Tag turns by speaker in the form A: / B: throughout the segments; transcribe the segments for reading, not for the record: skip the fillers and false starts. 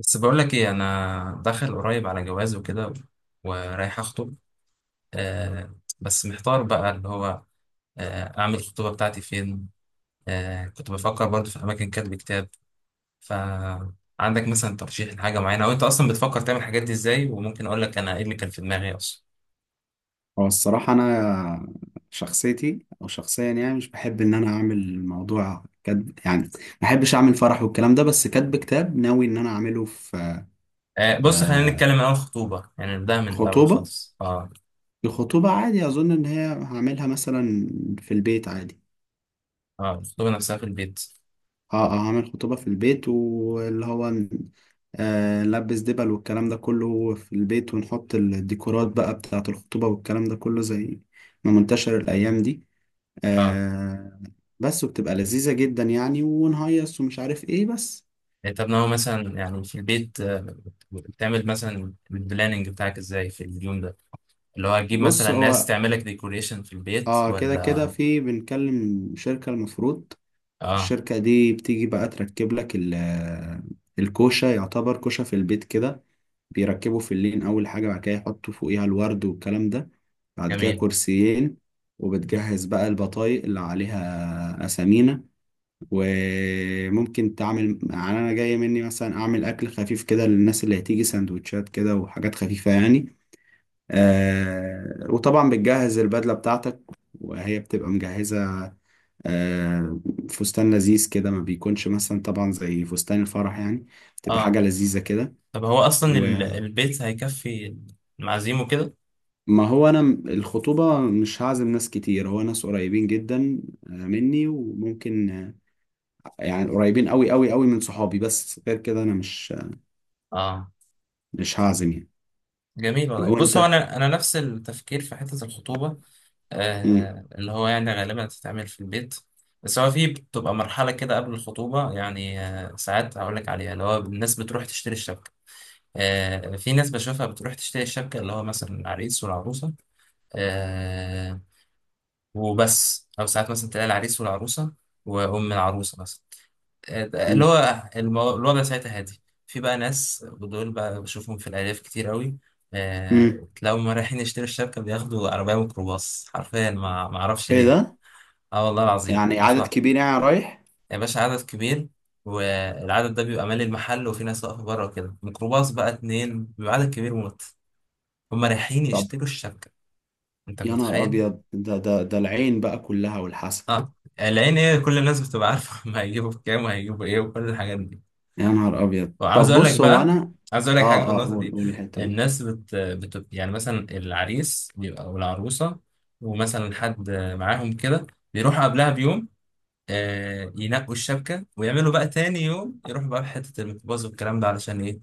A: بس بقول لك ايه، انا داخل قريب على جواز وكده ورايح اخطب. بس محتار بقى اللي هو، اعمل الخطوبه بتاعتي فين؟ كنت بفكر برضه في اماكن كاتب كتاب. فعندك مثلا ترشيح لحاجه معينه، او انت اصلا بتفكر تعمل الحاجات دي ازاي؟ وممكن اقول لك انا ايه اللي كان في دماغي اصلا.
B: هو الصراحة أنا شخصيتي أو شخصيا يعني مش بحب إن أنا أعمل موضوع كاتب، يعني ما بحبش أعمل فرح والكلام ده. بس كاتب كتاب ناوي إن أنا أعمله في
A: بص، خلينا
B: آه،
A: نتكلم من اول خطوبه، يعني نبدأها من الاول
B: خطوبة.
A: خالص. اه،
B: الخطوبة عادي أظن إن هي هعملها مثلا في البيت عادي.
A: اه الخطوبه نفسها في البيت.
B: أه أه، هعمل خطوبة في البيت واللي هو نلبس دبل والكلام ده كله في البيت، ونحط الديكورات بقى بتاعة الخطوبة والكلام ده كله زي ما منتشر الأيام دي.
A: اه،
B: آه بس، وبتبقى لذيذة جدا يعني ونهيص ومش عارف ايه بس.
A: انت بناوي مثلا يعني في البيت، بتعمل مثلا البلاننج بتاعك ازاي في اليوم ده؟ اللي هو هتجيب
B: بص
A: مثلا ناس
B: هو
A: تعملك ديكوريشن في البيت
B: اه كده كده
A: ولا؟
B: في بنكلم شركة المفروض.
A: اه.
B: الشركة دي بتيجي بقى تركب لك الكوشة، يعتبر كوشة في البيت كده. بيركبوا في اللين أول حاجة، بعد كده يحطوا فوقيها الورد والكلام ده، بعد كده
A: جميل.
B: كرسيين. وبتجهز بقى البطايق اللي عليها أسامينا. وممكن تعمل يعني انا جاي مني مثلا اعمل اكل خفيف كده للناس اللي هتيجي، سندوتشات كده وحاجات خفيفة يعني. وطبعا بتجهز البدلة بتاعتك، وهي بتبقى مجهزة. آه فستان لذيذ كده، ما بيكونش مثلا طبعا زي فستان الفرح يعني، بتبقى
A: اه،
B: حاجة لذيذة كده.
A: طب هو اصلا
B: وما
A: البيت هيكفي المعازيم وكده؟
B: هو أنا الخطوبة مش هعزم ناس كتير، هو ناس قريبين جدا مني، وممكن يعني قريبين أوي أوي أوي من صحابي، بس غير كده أنا مش
A: اه.
B: مش هعزم يعني.
A: جميل والله. بص،
B: وانت.
A: هو انا نفس التفكير في حته الخطوبه.
B: مم.
A: اللي هو يعني غالبا هتتعمل في البيت. بس هو في بتبقى مرحله كده قبل الخطوبه، يعني ساعات هقول لك عليها، اللي هو الناس بتروح تشتري الشبكه. في ناس بشوفها بتروح تشتري الشبكه، اللي هو مثلا العريس والعروسه. آه. وبس، او ساعات مثلا تلاقي العريس والعروسه وام العروسه مثلا، اللي
B: مم.
A: هو الوضع ساعتها هادي. في بقى ناس، ودول بقى بشوفهم في الالياف كتير قوي،
B: مم.
A: تلاقيهم هما رايحين يشتروا الشبكه، بياخدوا عربيه ميكروباص حرفيا. ما اعرفش
B: ايه
A: ليه.
B: ده؟
A: اه والله العظيم
B: يعني
A: ياخدوا.
B: عدد كبير يعني رايح؟
A: يا باشا، عدد كبير. والعدد ده بيبقى مالي المحل، وفي ناس واقفه بره وكده. ميكروباص بقى اتنين، بيبقى عدد كبير موت. هما رايحين
B: طب،
A: يشتروا الشبكه. انت
B: يا نهار
A: متخيل؟
B: ابيض! ده العين بقى كلها والحسن.
A: اه. العين ايه، كل الناس بتبقى عارفه هم هيجيبوا بكام وهيجيبوا ايه وكل الحاجات دي.
B: يا نهار ابيض،
A: وعاوز
B: طب
A: اقول لك
B: بص هو
A: بقى،
B: انا.
A: عاوز اقول لك حاجه في
B: اه اه،
A: النقطه
B: قول
A: دي.
B: قول الحتة دي.
A: الناس يعني مثلا العريس بيبقى او العروسه، ومثلا حد معاهم كده، بيروحوا قبلها بيوم، ينقوا الشبكه، ويعملوا بقى تاني يوم يروحوا بقى في حته الميكروباص والكلام ده. علشان ايه؟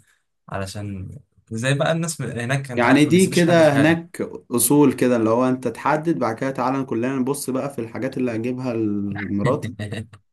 A: علشان زي بقى الناس من هناك، انت
B: يعني
A: عارف، ما
B: دي
A: بيسيبوش حد في
B: كده
A: حاله.
B: هناك اصول، كده اللي هو انت تحدد بعد كده تعالى كلنا نبص بقى في الحاجات اللي هجيبها لمراتي.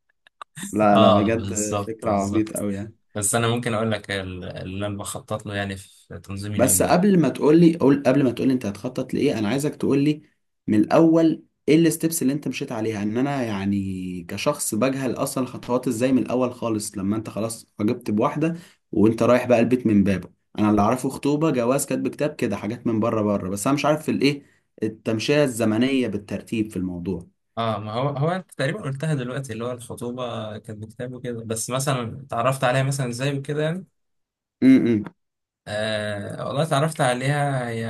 B: لا لا،
A: اه،
B: بجد
A: بالظبط
B: فكرة عبيط
A: بالظبط.
B: قوي يعني.
A: بس انا ممكن اقول لك اللي انا بخطط له يعني في تنظيم اليوم
B: بس
A: ده.
B: قبل ما تقول لي، قول، قبل ما تقول لي انت هتخطط لايه، انا عايزك تقول لي من الاول ايه الستبس اللي انت مشيت عليها، ان انا يعني كشخص بجهل اصلا الخطوات ازاي، من الاول خالص لما انت خلاص عجبت بواحده وانت رايح بقى البيت من بابه. انا اللي اعرفه خطوبه، جواز، كاتب كتاب، كده حاجات من بره بره، بس انا مش عارف في الايه التمشيه الزمنيه بالترتيب في الموضوع.
A: اه، ما هو انت تقريبا قلتها دلوقتي، اللي هو الخطوبه كانت بكتاب وكده. بس مثلا اتعرفت عليها مثلا ازاي وكده يعني؟
B: امم.
A: والله اتعرفت عليها، هي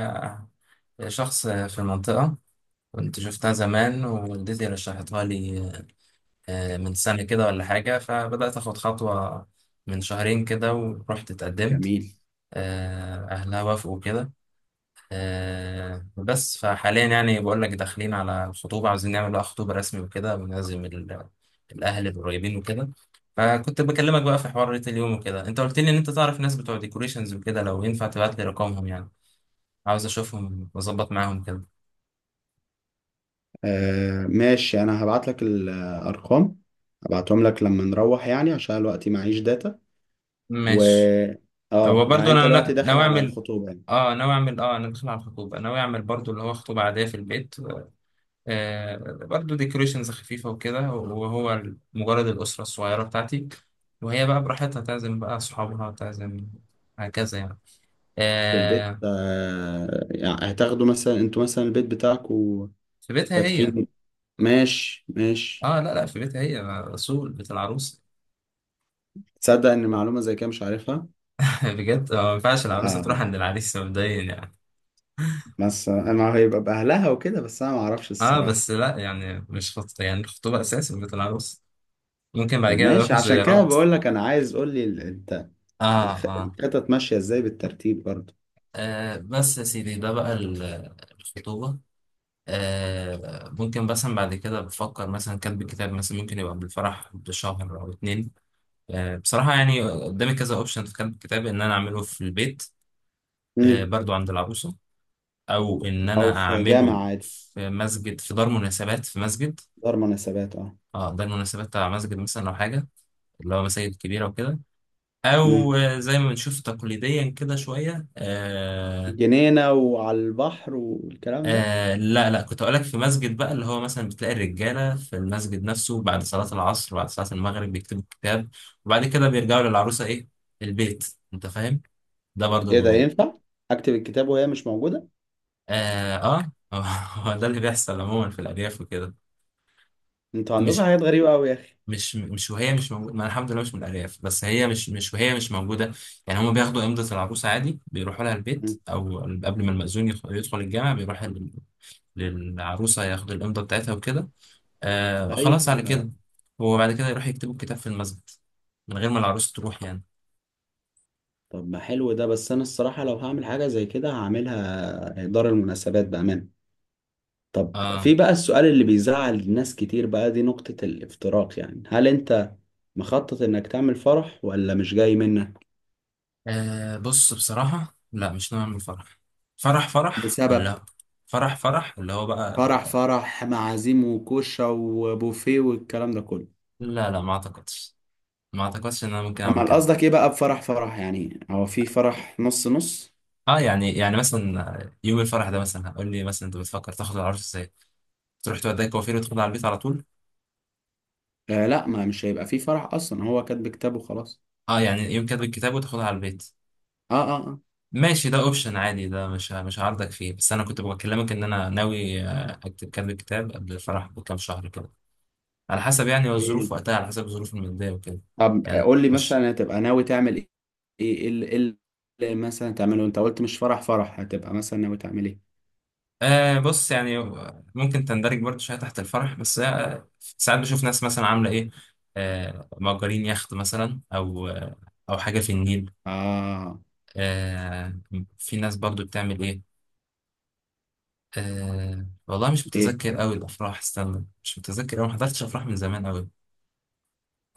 A: هي شخص في المنطقه، كنت شفتها زمان ووالدتي رشحتها لي، من سنه كده ولا حاجه. فبدات اخد خطوه من شهرين كده ورحت اتقدمت.
B: جميل.
A: اهلها وافقوا كده. بس فحاليا يعني بقول لك داخلين على الخطوبة، عاوزين نعمل بقى خطوبة رسمي وكده، ونعزم الأهل القريبين وكده. فكنت بكلمك بقى في حوار ريت اليوم وكده، أنت قلت لي إن أنت تعرف ناس بتوع ديكوريشنز وكده. لو ينفع تبعت لي رقمهم يعني، عاوز أشوفهم وأظبط معاهم كده.
B: ماشي، انا هبعت لك الارقام، هبعتهم لك لما نروح يعني عشان الوقت معيش داتا. و.
A: ماشي. هو
B: اه
A: برضو
B: يعني انت
A: أنا
B: دلوقتي داخل
A: ناوي
B: على
A: أعمل،
B: الخطوبة يعني؟
A: اه ناوي أعمل، اه أنا داخل على الخطوبة، ناوي أعمل برضو اللي هو خطوبة عادية في البيت، برضو ديكوريشنز خفيفة وكده، وهو مجرد الأسرة الصغيرة بتاعتي. وهي بقى براحتها تعزم بقى صحابها تعزم، هكذا يعني.
B: في البيت
A: آه،
B: يعني هتاخدوا مثلا انتوا مثلا البيت بتاعكوا
A: في بيتها هي.
B: فاتحين؟ ماشي ماشي.
A: اه، لا لا، في بيتها هي. آه، رسول بيت العروس.
B: تصدق ان معلومة زي كده مش عارفها!
A: بجد، ما ينفعش العروسة
B: اه،
A: تروح عند العريس مبدئيا يعني.
B: بس انا هيبقى باهلها وكده، بس انا ما اعرفش
A: اه،
B: الصراحة.
A: بس لا يعني مش خط، يعني الخطوبة أساس في بيت العروس. ممكن
B: طب
A: بعد كده
B: ماشي،
A: يروحوا
B: عشان كده
A: زيارات.
B: بقول لك انا عايز قول لي انت
A: اه. اه،
B: الخطط ماشية ازاي بالترتيب برضه.
A: بس يا سيدي ده بقى الخطوبة. آه، ممكن مثلا بعد كده بفكر مثلا كاتب الكتاب مثلا ممكن يبقى بالفرح بشهر او اتنين. بصراحة يعني قدامي كذا اوبشن في كاتب الكتاب، ان انا اعمله في البيت،
B: امم.
A: برضو عند العروسة، او ان
B: او
A: انا
B: في
A: اعمله
B: جامع عادي.
A: في مسجد، في دار مناسبات، في مسجد.
B: دار مناسبات، اه.
A: اه، دار مناسبات بتاع مسجد مثلا، او حاجة اللي هو مساجد كبيرة وكده. او
B: امم.
A: زي ما بنشوف تقليديا كده شوية. آه،
B: جنينة وعلى البحر والكلام ده.
A: آه لا لا، كنت اقول لك في مسجد بقى، اللي هو مثلا بتلاقي الرجاله في المسجد نفسه بعد صلاه العصر، بعد صلاه المغرب، بيكتبوا الكتاب، وبعد كده بيرجعوا للعروسه، ايه، البيت. انت فاهم؟ ده برضو
B: ايه ده
A: بيبقى،
B: ينفع؟ اكتب الكتاب وهي مش موجوده؟
A: اه اه. هو ده اللي بيحصل عموما في الارياف وكده.
B: انتوا عندكم
A: مش
B: حاجات غريبه قوي يا اخي!
A: مش مش وهي مش موجوده. ما أنا الحمد لله مش من الارياف. بس هي مش مش وهي مش موجوده يعني. هما بياخدوا امضه العروسه عادي، بيروحوا لها البيت،
B: مم.
A: او قبل ما المأذون يدخل الجامع بيروح للعروسه ياخد الامضه بتاعتها وكده. آه، خلاص على
B: ايوه.
A: كده. هو بعد كده يروح يكتبوا الكتاب في المسجد، من غير ما العروس تروح يعني.
B: طب ما حلو ده، بس انا الصراحه لو هعمل حاجه زي كده هعملها دار المناسبات بامان. طب
A: اه.
B: في بقى السؤال اللي بيزعل الناس كتير بقى، دي نقطه الافتراق، يعني هل انت مخطط انك تعمل فرح ولا مش جاي منك؟
A: آه بص، بصراحة لا، مش نوع من الفرح. فرح فرح
B: بسبب.
A: لا. فرح فرح اللي هو
B: فرح
A: بقى،
B: فرح، معازيم وكوشة وبوفيه والكلام ده كله.
A: لا لا، ما اعتقدش، ما اعتقدش ان انا ممكن اعمل
B: امال
A: كده.
B: قصدك ايه بقى بفرح فرح يعني؟ هو في فرح نص نص؟
A: اه يعني، يعني مثلا يوم الفرح ده، مثلا هقول لي مثلا انت بتفكر تاخد العروس ازاي، تروح توديها كوافير وتاخدها على البيت على طول.
B: لا، ما مش هيبقى فيه فرح اصلا، هو كاتب كتابه خلاص.
A: اه، يعني يوم كاتب الكتاب وتاخدها على البيت.
B: اه اه اه.
A: ماشي، ده اوبشن عادي، ده مش هعارضك فيه. بس انا كنت بكلمك ان انا ناوي، اكتب كام كتاب قبل الفرح بكام شهر كده، على حسب يعني الظروف
B: ايه.
A: وقتها، على حسب الظروف الماديه وكده.
B: طب
A: يعني
B: قول لي
A: مش،
B: مثلا هتبقى ناوي تعمل ايه. ايه إيه اللي مثلا تعمله؟ انت قلت مش فرح فرح، هتبقى مثلا ناوي تعمل ايه؟
A: آه بص يعني، ممكن تندرج برضه شويه تحت الفرح بس. آه، ساعات بشوف ناس مثلا عامله ايه، آه مأجرين يخت مثلا، او آه، او حاجه في النيل.
B: اه.
A: آه، في ناس برضه بتعمل ايه، والله مش
B: ايه.
A: متذكر قوي الافراح، استنى، مش متذكر أوي، ما حضرتش افراح من زمان قوي.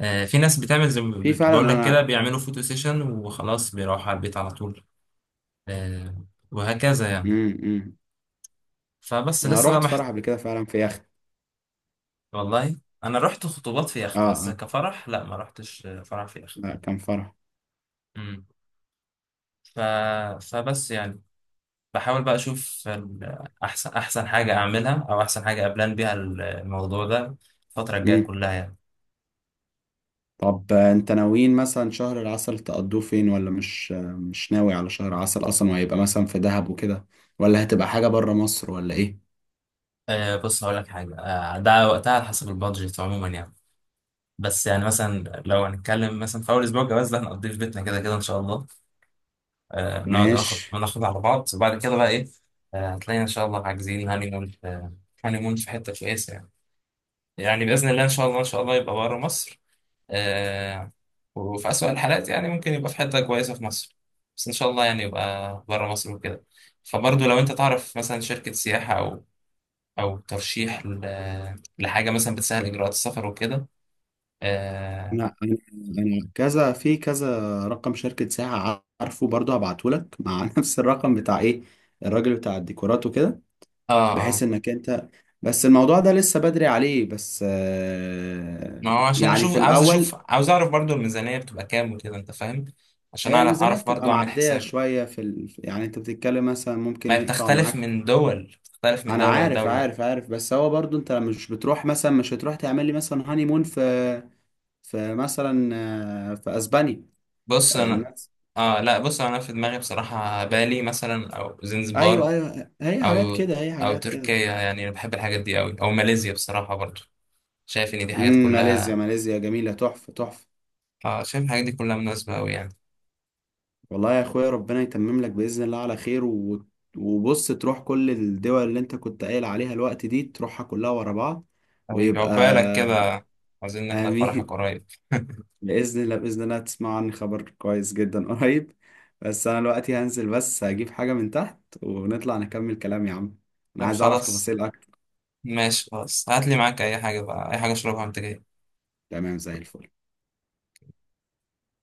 A: آه، في ناس بتعمل زي ما
B: في فعلا،
A: بقول لك كده،
B: انا.
A: بيعملوا فوتو سيشن وخلاص بيروحوا على البيت على طول. آه، وهكذا يعني.
B: امم. إمم.
A: فبس
B: انا
A: لسه بقى
B: رحت فرح قبل كده فعلا في يخت.
A: والله انا رحت خطوبات في
B: اه
A: يخت، بس
B: اه،
A: كفرح لا، ما رحتش آه، فرح في يخت.
B: لا كان فرح.
A: مم. ف... فبس يعني، بحاول بقى اشوف احسن حاجه اعملها، او احسن حاجه ابلان بيها الموضوع ده الفتره الجايه
B: امم.
A: كلها يعني.
B: طب انت ناويين مثلا شهر العسل تقضوه فين؟ ولا مش مش ناوي على شهر عسل اصلا وهيبقى مثلا في دهب وكده؟ ولا هتبقى حاجة بره مصر ولا ايه؟
A: أه بص، هقول لك حاجه، ده وقتها على حسب البادجت عموما يعني. بس يعني مثلا لو هنتكلم مثلا في اول اسبوع جواز، ده هنقضيه في بيتنا كده كده ان شاء الله، نقعد ناخد
B: ماشي.
A: ناخد على بعض، وبعد كده بقى ايه، آه هتلاقينا ان شاء الله عاجزين هاني مون في، هاني مون في حته كويسه يعني. يعني باذن الله ان شاء الله، ان شاء الله يبقى بره مصر. آه، وفي اسوأ الحالات يعني ممكن يبقى في حته كويسه في مصر، بس ان شاء الله يعني يبقى بره مصر وكده. فبرضه لو انت تعرف مثلا شركه سياحه، او او ترشيح لحاجه مثلا بتسهل اجراءات السفر وكده. اه
B: انا انا أنا كذا في كذا، رقم شركة ساعة عارفه برضه، هبعته لك مع نفس الرقم بتاع ايه، الراجل بتاع الديكورات وكده،
A: اه.
B: بحيث
A: آه.
B: انك انت. بس الموضوع ده لسه بدري عليه بس
A: ما هو عشان
B: يعني
A: نشوف،
B: في
A: عاوز اشوف،
B: الاول
A: عاوز اعرف برضو الميزانية بتبقى كام وكده، انت فاهم؟ عشان
B: هي
A: اعرف،
B: الميزانية
A: اعرف
B: بتبقى
A: برضو اعمل
B: معدية
A: حسابي.
B: شوية في يعني انت بتتكلم مثلا
A: ما
B: ممكن
A: هي
B: يقطع
A: بتختلف
B: معاك.
A: من دول، بتختلف من
B: انا
A: دولة
B: عارف
A: لدولة.
B: عارف عارف، بس هو برضه انت مش بتروح مثلا، مش هتروح تعمل لي مثلا هاني مون في مثلا في اسبانيا؟
A: بص انا، اه لا، بص انا في دماغي بصراحة بالي مثلا او
B: ايوه
A: زنزبار،
B: ايوه، هي حاجات
A: او
B: كده هي
A: او
B: حاجات كده.
A: تركيا. يعني انا بحب الحاجات دي قوي، او ماليزيا بصراحة برضو. شايف ان دي حاجات
B: امم. ماليزيا،
A: كلها،
B: ماليزيا جميلة، تحفة تحفة.
A: اه شايف الحاجات دي كلها مناسبة قوي يعني.
B: والله يا اخويا ربنا يتمم لك بإذن الله على خير و. وبص تروح كل الدول اللي انت كنت قايل عليها الوقت دي، تروحها كلها ورا بعض.
A: حبيبي،
B: ويبقى.
A: عقبالك كده، عاوزين نحضر فرحك
B: آمين.
A: قريب.
B: بإذن الله بإذن الله تسمع عني خبر كويس جدا قريب. بس أنا دلوقتي هنزل بس هجيب حاجة من تحت ونطلع نكمل كلام يا عم. أنا
A: طب
B: عايز أعرف
A: خلاص،
B: تفاصيل أكتر.
A: ماشي خلاص، هات لي معاك اي حاجة بقى، اي حاجة اشربها وانت جاي.
B: تمام زي الفل.